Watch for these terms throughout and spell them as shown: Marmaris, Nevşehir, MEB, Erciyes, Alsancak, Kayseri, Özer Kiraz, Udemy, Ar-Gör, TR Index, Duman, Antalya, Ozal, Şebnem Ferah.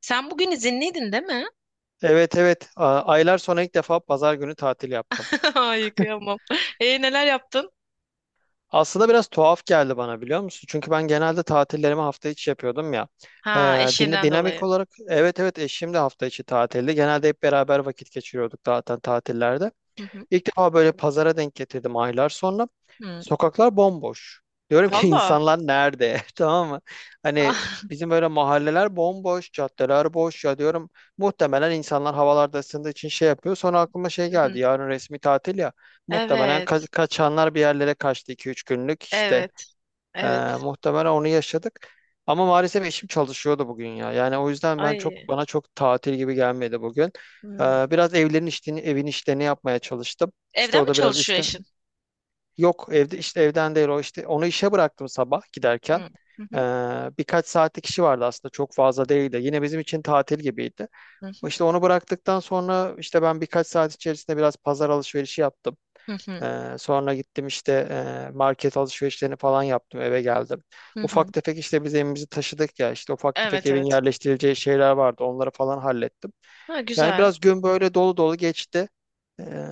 Sen bugün izinliydin değil mi? Evet evet aylar sonra ilk defa pazar günü tatil yaptım. Ay kıyamam. E neler yaptın? Aslında biraz tuhaf geldi bana, biliyor musun? Çünkü ben genelde tatillerimi hafta içi yapıyordum ya. Ha, Ee, dine- eşinden dinamik dolayı. olarak, evet evet, eşim de hafta içi tatilde. Genelde hep beraber vakit geçiriyorduk zaten tatillerde. Hı hı. İlk defa böyle pazara denk getirdim aylar sonra. Hı. Sokaklar bomboş. Diyorum ki, Valla. insanlar nerede? Tamam mı? Hani Ah, bizim böyle mahalleler bomboş, caddeler boş ya, diyorum. Muhtemelen insanlar havalarda ısındığı için şey yapıyor. Sonra aklıma şey hı hı. geldi. Yarın resmi tatil ya. Muhtemelen Evet. kaçanlar bir yerlere kaçtı, iki üç günlük. İşte Evet. Evet. muhtemelen onu yaşadık. Ama maalesef eşim çalışıyordu bugün ya. Yani o yüzden ben çok, Ay. bana çok tatil gibi gelmedi bugün. Hı. Biraz evlerin işlerini, evin işlerini yapmaya çalıştım. İşte Evden o mi da biraz çalışıyor işte, eşin? yok evde, işte evden değil, o işte onu işe bıraktım sabah giderken. Hı. Hı Ee, hı. birkaç saatlik işi vardı, aslında çok fazla değildi. Yine bizim için tatil gibiydi. Hı hı. İşte onu bıraktıktan sonra işte ben birkaç saat içerisinde biraz pazar alışverişi yaptım. Hı hı. Sonra gittim işte, market alışverişlerini falan yaptım, eve geldim. Hı hı. Ufak tefek, işte biz evimizi taşıdık ya, işte ufak tefek Evet evin evet. yerleştirileceği şeyler vardı, onları falan hallettim. Ha, Yani güzel. biraz gün böyle dolu dolu geçti. Ee,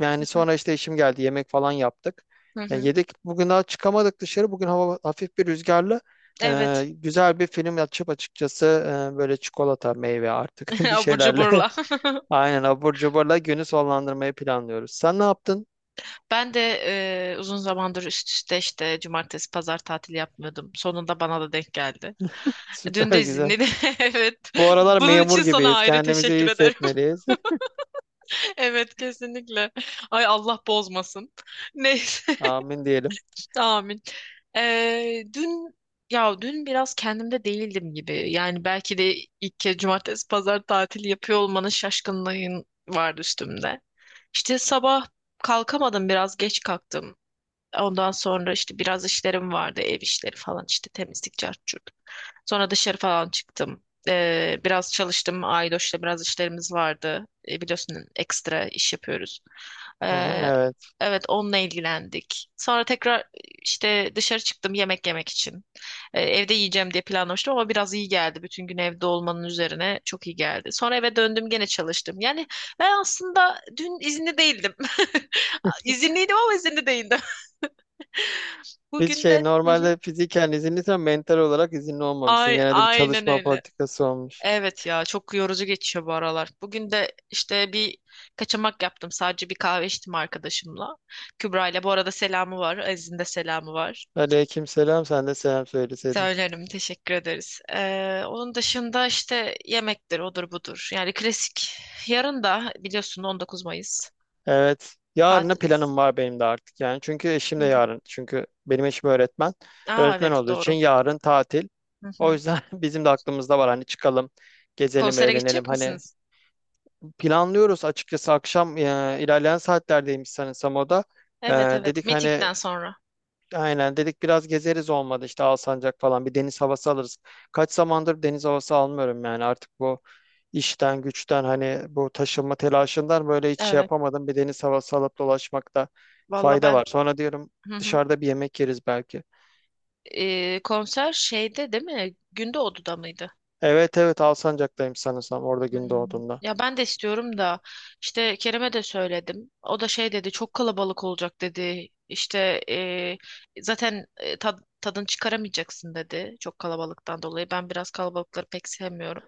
yani Hı sonra işte işim geldi, yemek falan yaptık. Yani hı. yedik bugün, daha çıkamadık dışarı, bugün hava hafif bir rüzgarlı. Evet. Güzel bir film açıp, açıkçası, böyle çikolata, meyve artık, bir Abur şeylerle, cuburla. aynen, abur cuburla günü sonlandırmayı planlıyoruz. Sen ne yaptın? Ben de uzun zamandır üst üste işte cumartesi pazar tatili yapmıyordum. Sonunda bana da denk geldi. Dün Süper de güzel. dinledim. Evet. Bu aralar Bunun memur için sana gibiyiz. ayrı Kendimizi iyi teşekkür ederim. hissetmeliyiz. Evet, kesinlikle. Ay Allah bozmasın. Neyse. Amin diyelim. Amin. Ee, dün dün biraz kendimde değildim gibi. Yani belki de ilk kez cumartesi pazar tatili yapıyor olmanın şaşkınlığın vardı üstümde. İşte sabah kalkamadım, biraz geç kalktım. Ondan sonra işte biraz işlerim vardı, ev işleri falan, işte temizlik, cart curt. Sonra dışarı falan çıktım. Biraz çalıştım. Aydoş'la biraz işlerimiz vardı. Biliyorsun ekstra iş yapıyoruz. Hı hı, Ee, evet. evet onunla ilgilendik. Sonra tekrar işte dışarı çıktım yemek yemek için. Evde yiyeceğim diye planlamıştım ama biraz iyi geldi. Bütün gün evde olmanın üzerine çok iyi geldi. Sonra eve döndüm gene çalıştım. Yani ben aslında dün izinli değildim. İzinliydim ama izinli değildim. Biz Bugün şey, de. Hı hı. normalde fiziken izinliysen mental olarak izinli olmamışsın. Ay, Genelde bir aynen çalışma öyle. politikası olmuş. Evet ya, çok yorucu geçiyor bu aralar. Bugün de işte bir kaçamak yaptım. Sadece bir kahve içtim arkadaşımla. Kübra ile bu arada, selamı var. Aziz'in de selamı var. Aleykümselam, sen de selam söyleseydin. Söylerim, teşekkür ederiz. Onun dışında işte yemektir odur budur. Yani klasik. Yarın da biliyorsun 19 Mayıs Evet. Yarına tatiliz. planım var benim de artık, yani. Çünkü eşim Hı de hı. yarın. Çünkü benim eşim öğretmen. Aa, Öğretmen evet olduğu için doğru. yarın tatil. Hı O hı. yüzden bizim de aklımızda var, hani çıkalım, gezelim, Konsere eğlenelim. gidecek Hani misiniz? planlıyoruz açıkçası akşam, ilerleyen saatlerdeymiş sanırsam o da. E, Evet evet. dedik hani, Meetingden sonra. aynen dedik, biraz gezeriz, olmadı işte Alsancak falan bir deniz havası alırız. Kaç zamandır deniz havası almıyorum yani, artık bu işten güçten, hani bu taşınma telaşından böyle hiç şey Evet. yapamadım, bir deniz havası alıp dolaşmakta Valla fayda var. ben. Sonra diyorum, Hı hı. dışarıda bir yemek yeriz belki. Konser şeyde değil mi? Günde Odu'da mıydı? Evet evet, Alsancak'tayım sanırsam, orada Hmm. gün doğduğunda. Ya ben de istiyorum da işte Kerem'e de söyledim. O da şey dedi, çok kalabalık olacak dedi. İşte zaten tadını çıkaramayacaksın dedi, çok kalabalıktan dolayı. Ben biraz kalabalıkları pek sevmiyorum.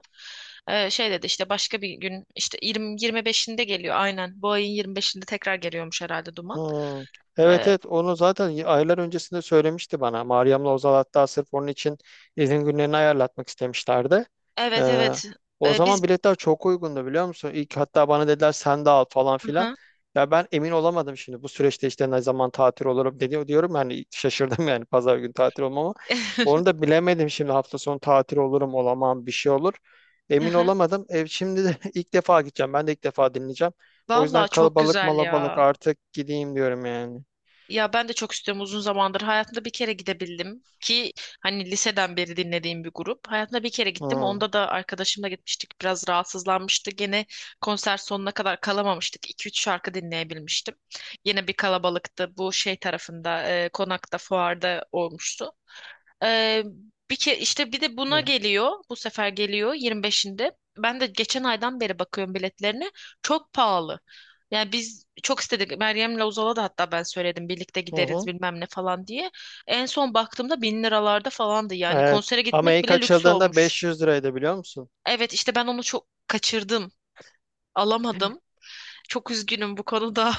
E, şey dedi, işte başka bir gün, işte 20 25'inde geliyor aynen. Bu ayın 25'inde tekrar geliyormuş herhalde Duman. Hmm. Evet E, evet, onu zaten aylar öncesinde söylemişti bana. Meryem'le Ozal hatta sırf onun için izin günlerini ayarlatmak istemişlerdi. Ee, evet evet. o E, biz. zaman biletler çok uygundu, biliyor musun? İlk hatta bana dediler, sen de al falan filan. Aha. Ya ben emin olamadım şimdi, bu süreçte işte ne zaman tatil olurum, dedi diyorum yani, şaşırdım yani pazar günü tatil olmama. Onu da bilemedim şimdi, hafta sonu tatil olurum, olamam, bir şey olur. Emin Aha. olamadım. Şimdi de ilk defa gideceğim. Ben de ilk defa dinleyeceğim. O yüzden Vallahi çok kalabalık güzel malabalık, ya. artık gideyim diyorum yani. Ya ben de çok istiyorum uzun zamandır. Hayatımda bir kere gidebildim ki, hani liseden beri dinlediğim bir grup. Hayatımda bir kere gittim. Hı. Onda da arkadaşımla gitmiştik. Biraz rahatsızlanmıştı. Gene konser sonuna kadar kalamamıştık. 2 üç şarkı dinleyebilmiştim. Yine bir kalabalıktı. Bu şey tarafında, konakta, fuarda olmuştu. Ee, bir ke işte bir de buna Hı geliyor. Bu sefer geliyor 25'inde. Ben de geçen aydan beri bakıyorum biletlerine. Çok pahalı. Yani biz çok istedik. Meryem'le Uzal'a da hatta ben söyledim, birlikte gideriz hı. bilmem ne falan diye. En son baktığımda bin liralarda falandı yani. Evet. Konsere Ama gitmek ilk bile lüks açıldığında olmuş. 500 liraydı, biliyor musun? Evet, işte ben onu çok kaçırdım. Alamadım. Çok üzgünüm bu konuda.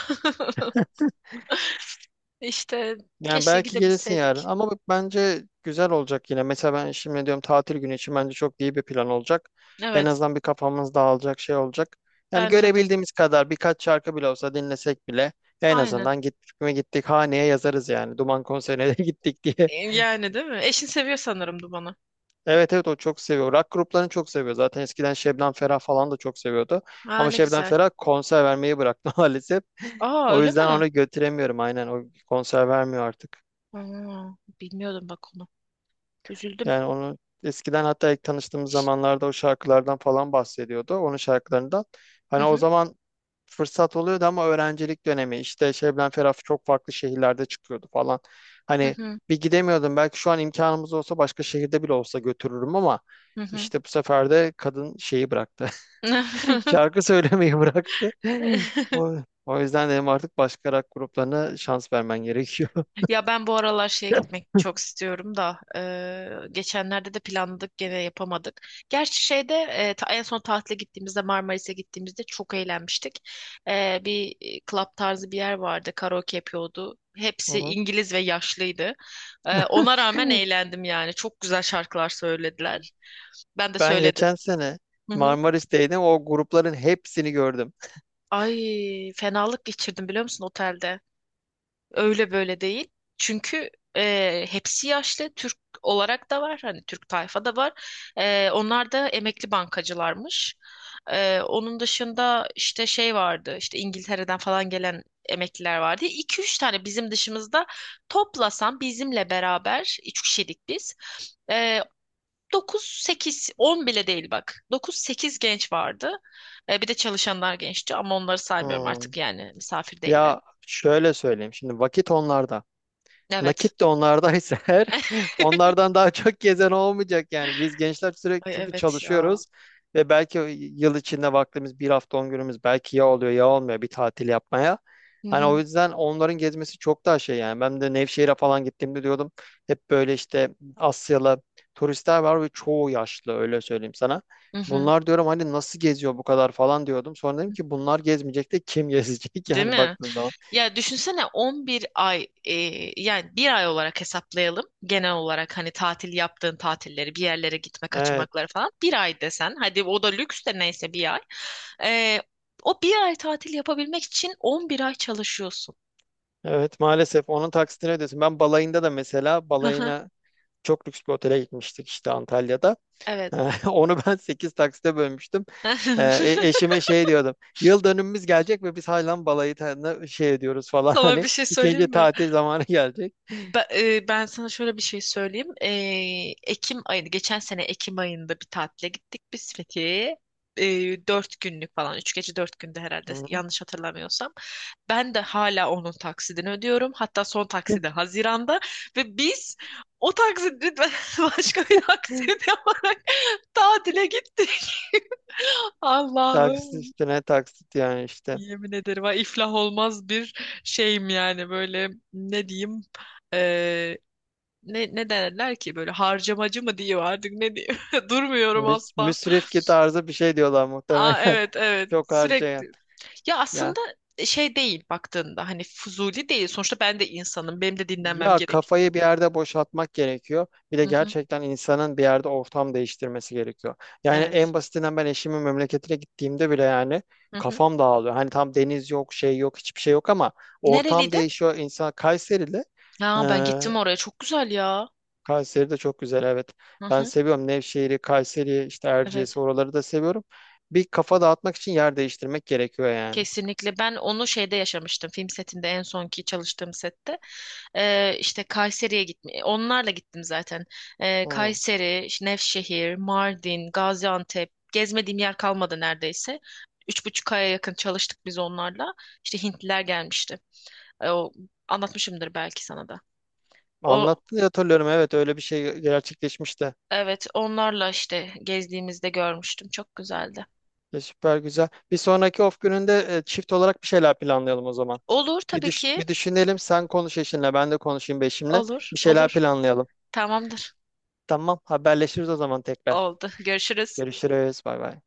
İşte Yani keşke belki gelirsin yarın gidebilseydik. ama, bak bence güzel olacak yine. Mesela ben şimdi diyorum, tatil günü için bence çok iyi bir plan olacak. En Evet, azından bir kafamız dağılacak şey olacak. Yani bence de. görebildiğimiz kadar birkaç şarkı bile olsa dinlesek bile, en Aynen. azından gittik mi gittik, haneye yazarız yani. Duman konserine de gittik diye. E, yani değil mi? Eşin seviyor sanırım Duman'ı. Evet evet, o çok seviyor. Rock gruplarını çok seviyor. Zaten eskiden Şebnem Ferah falan da çok seviyordu. Aa, Ama ne Şebnem güzel. Ferah konser vermeyi bıraktı maalesef. Aa, O öyle yüzden mi? onu götüremiyorum, aynen. O konser vermiyor artık. Aa, bilmiyordum bak onu. Üzüldüm. Yani onu eskiden, hatta ilk tanıştığımız zamanlarda o şarkılardan falan bahsediyordu. Onun şarkılarından. Hı Hani o hı. zaman fırsat oluyordu ama öğrencilik dönemi işte, Şebnem Ferah çok farklı şehirlerde çıkıyordu falan. Hı Hani hı. bir gidemiyordum. Belki şu an imkanımız olsa başka şehirde bile olsa götürürüm ama Hı işte bu sefer de kadın şeyi bıraktı. hı. Şarkı söylemeyi bıraktı. O, o yüzden dedim, artık başka rock gruplarına şans vermen gerekiyor. Ya ben bu aralar şeye Hı gitmek çok istiyorum da geçenlerde de planladık, gene yapamadık. Gerçi şeyde en son tatile gittiğimizde, Marmaris'e gittiğimizde çok eğlenmiştik. Bir club tarzı bir yer vardı, karaoke yapıyordu. Hepsi hı. İngiliz ve yaşlıydı. Ona rağmen eğlendim yani, çok güzel şarkılar söylediler. Ben de Ben söyledim. geçen sene Hı hı. Marmaris'teydim. O grupların hepsini gördüm. Ay fenalık geçirdim biliyor musun otelde? Öyle böyle değil. Çünkü hepsi yaşlı. Türk olarak da var. Hani Türk tayfa da var. E, onlar da emekli bankacılarmış. E, onun dışında işte şey vardı. İşte İngiltere'den falan gelen emekliler vardı. 2 üç tane bizim dışımızda, toplasan bizimle beraber 3 kişilik biz. E, 9-8, 10 bile değil bak. Dokuz sekiz genç vardı. E, bir de çalışanlar gençti ama onları saymıyorum Hmm. artık, yani misafir değiller. Ya şöyle söyleyeyim. Şimdi vakit onlarda. Evet. Nakit de onlardaysa eğer, onlardan daha çok gezen olmayacak yani. Biz gençler sürekli Ay çünkü evet ya. çalışıyoruz ve belki yıl içinde vaktimiz, bir hafta 10 günümüz, belki ya oluyor ya olmuyor bir tatil yapmaya. Hı Hani o hı. yüzden onların gezmesi çok daha şey yani. Ben de Nevşehir'e falan gittiğimde diyordum, hep böyle işte Asyalı turistler var ve çoğu yaşlı, öyle söyleyeyim sana. Hı hı. Bunlar diyorum, hani nasıl geziyor bu kadar falan, diyordum. Sonra dedim ki, bunlar gezmeyecek de kim gezecek, Değil yani mi? baktığın zaman. Ya düşünsene 11 ay yani, bir ay olarak hesaplayalım. Genel olarak hani tatil yaptığın tatilleri, bir yerlere gitme Evet. kaçamakları falan bir ay desen. Hadi o da lüks de, neyse, bir ay. E, o bir ay tatil yapabilmek için 11 ay çalışıyorsun. Evet maalesef onun taksitini ödüyorsun. Ben balayında da mesela, Hı hı. balayına çok lüks bir otele gitmiştik işte, Antalya'da. Evet. Onu ben 8 taksite bölmüştüm. Ee, e- eşime şey diyordum. Yıl dönümümüz gelecek ve biz hala balayı tadında şey ediyoruz falan, Sana bir hani şey söyleyeyim ikinci mi? tatil zamanı gelecek. Ben sana şöyle bir şey söyleyeyim. Ekim ayıydı. Geçen sene Ekim ayında bir tatile gittik biz Fethiye'ye. 4 günlük falan. 3 gece 4 günde herhalde, Hı. yanlış hatırlamıyorsam. Ben de hala onun taksidini ödüyorum. Hatta son taksidi Haziran'da. Ve biz o taksidi başka bir taksit yaparak tatile gittik. Taksit Allah'ım. üstüne taksit yani işte. Yemin ederim ha, iflah olmaz bir şeyim yani, böyle ne diyeyim, ne derler ki böyle, harcamacı mı diyor artık, ne diyor. Durmuyorum Müs asla. müsrifki tarzı bir şey diyorlar Aa, muhtemelen. evet evet, Çok harcayan. sürekli. Ya Yani, aslında şey değil baktığında, hani fuzuli değil. Sonuçta ben de insanım. Benim de dinlenmem ya gerek. kafayı bir yerde boşaltmak gerekiyor. Bir de Hı hı, gerçekten insanın bir yerde ortam değiştirmesi gerekiyor. Yani evet. en basitinden, ben eşimin memleketine gittiğimde bile yani Hı hı. kafam dağılıyor. Hani tam deniz yok, şey yok, hiçbir şey yok ama ortam Nereliydi? değişiyor. İnsan Kayseri'de, Ha, ben gittim eee oraya. Çok güzel ya. Kayseri de çok güzel, evet. Hı Ben hı, seviyorum Nevşehir'i, Kayseri'yi, işte Erciyes'i, evet. oraları da seviyorum. Bir kafa dağıtmak için yer değiştirmek gerekiyor yani. Kesinlikle. Ben onu şeyde yaşamıştım, film setinde, en sonki çalıştığım sette. İşte Kayseri'ye gitme onlarla gittim zaten. Hı. Kayseri, işte Nevşehir, Mardin, Gaziantep, gezmediğim yer kalmadı neredeyse. 3,5 aya yakın çalıştık biz onlarla. İşte Hintliler gelmişti. O, anlatmışımdır belki sana da o. Anlattın diye hatırlıyorum, evet, öyle bir şey gerçekleşmişti. Evet, onlarla işte gezdiğimizde görmüştüm, çok güzeldi. Ya süper güzel. Bir sonraki off gününde, çift olarak bir şeyler planlayalım o zaman. Olur Bir, tabii düş- ki. bir düşünelim. Sen konuş eşinle, ben de konuşayım bir eşimle. Olur Bir şeyler olur. planlayalım. Tamamdır. Tamam, haberleşiriz o zaman tekrar. Oldu, görüşürüz. Görüşürüz. Bay bay.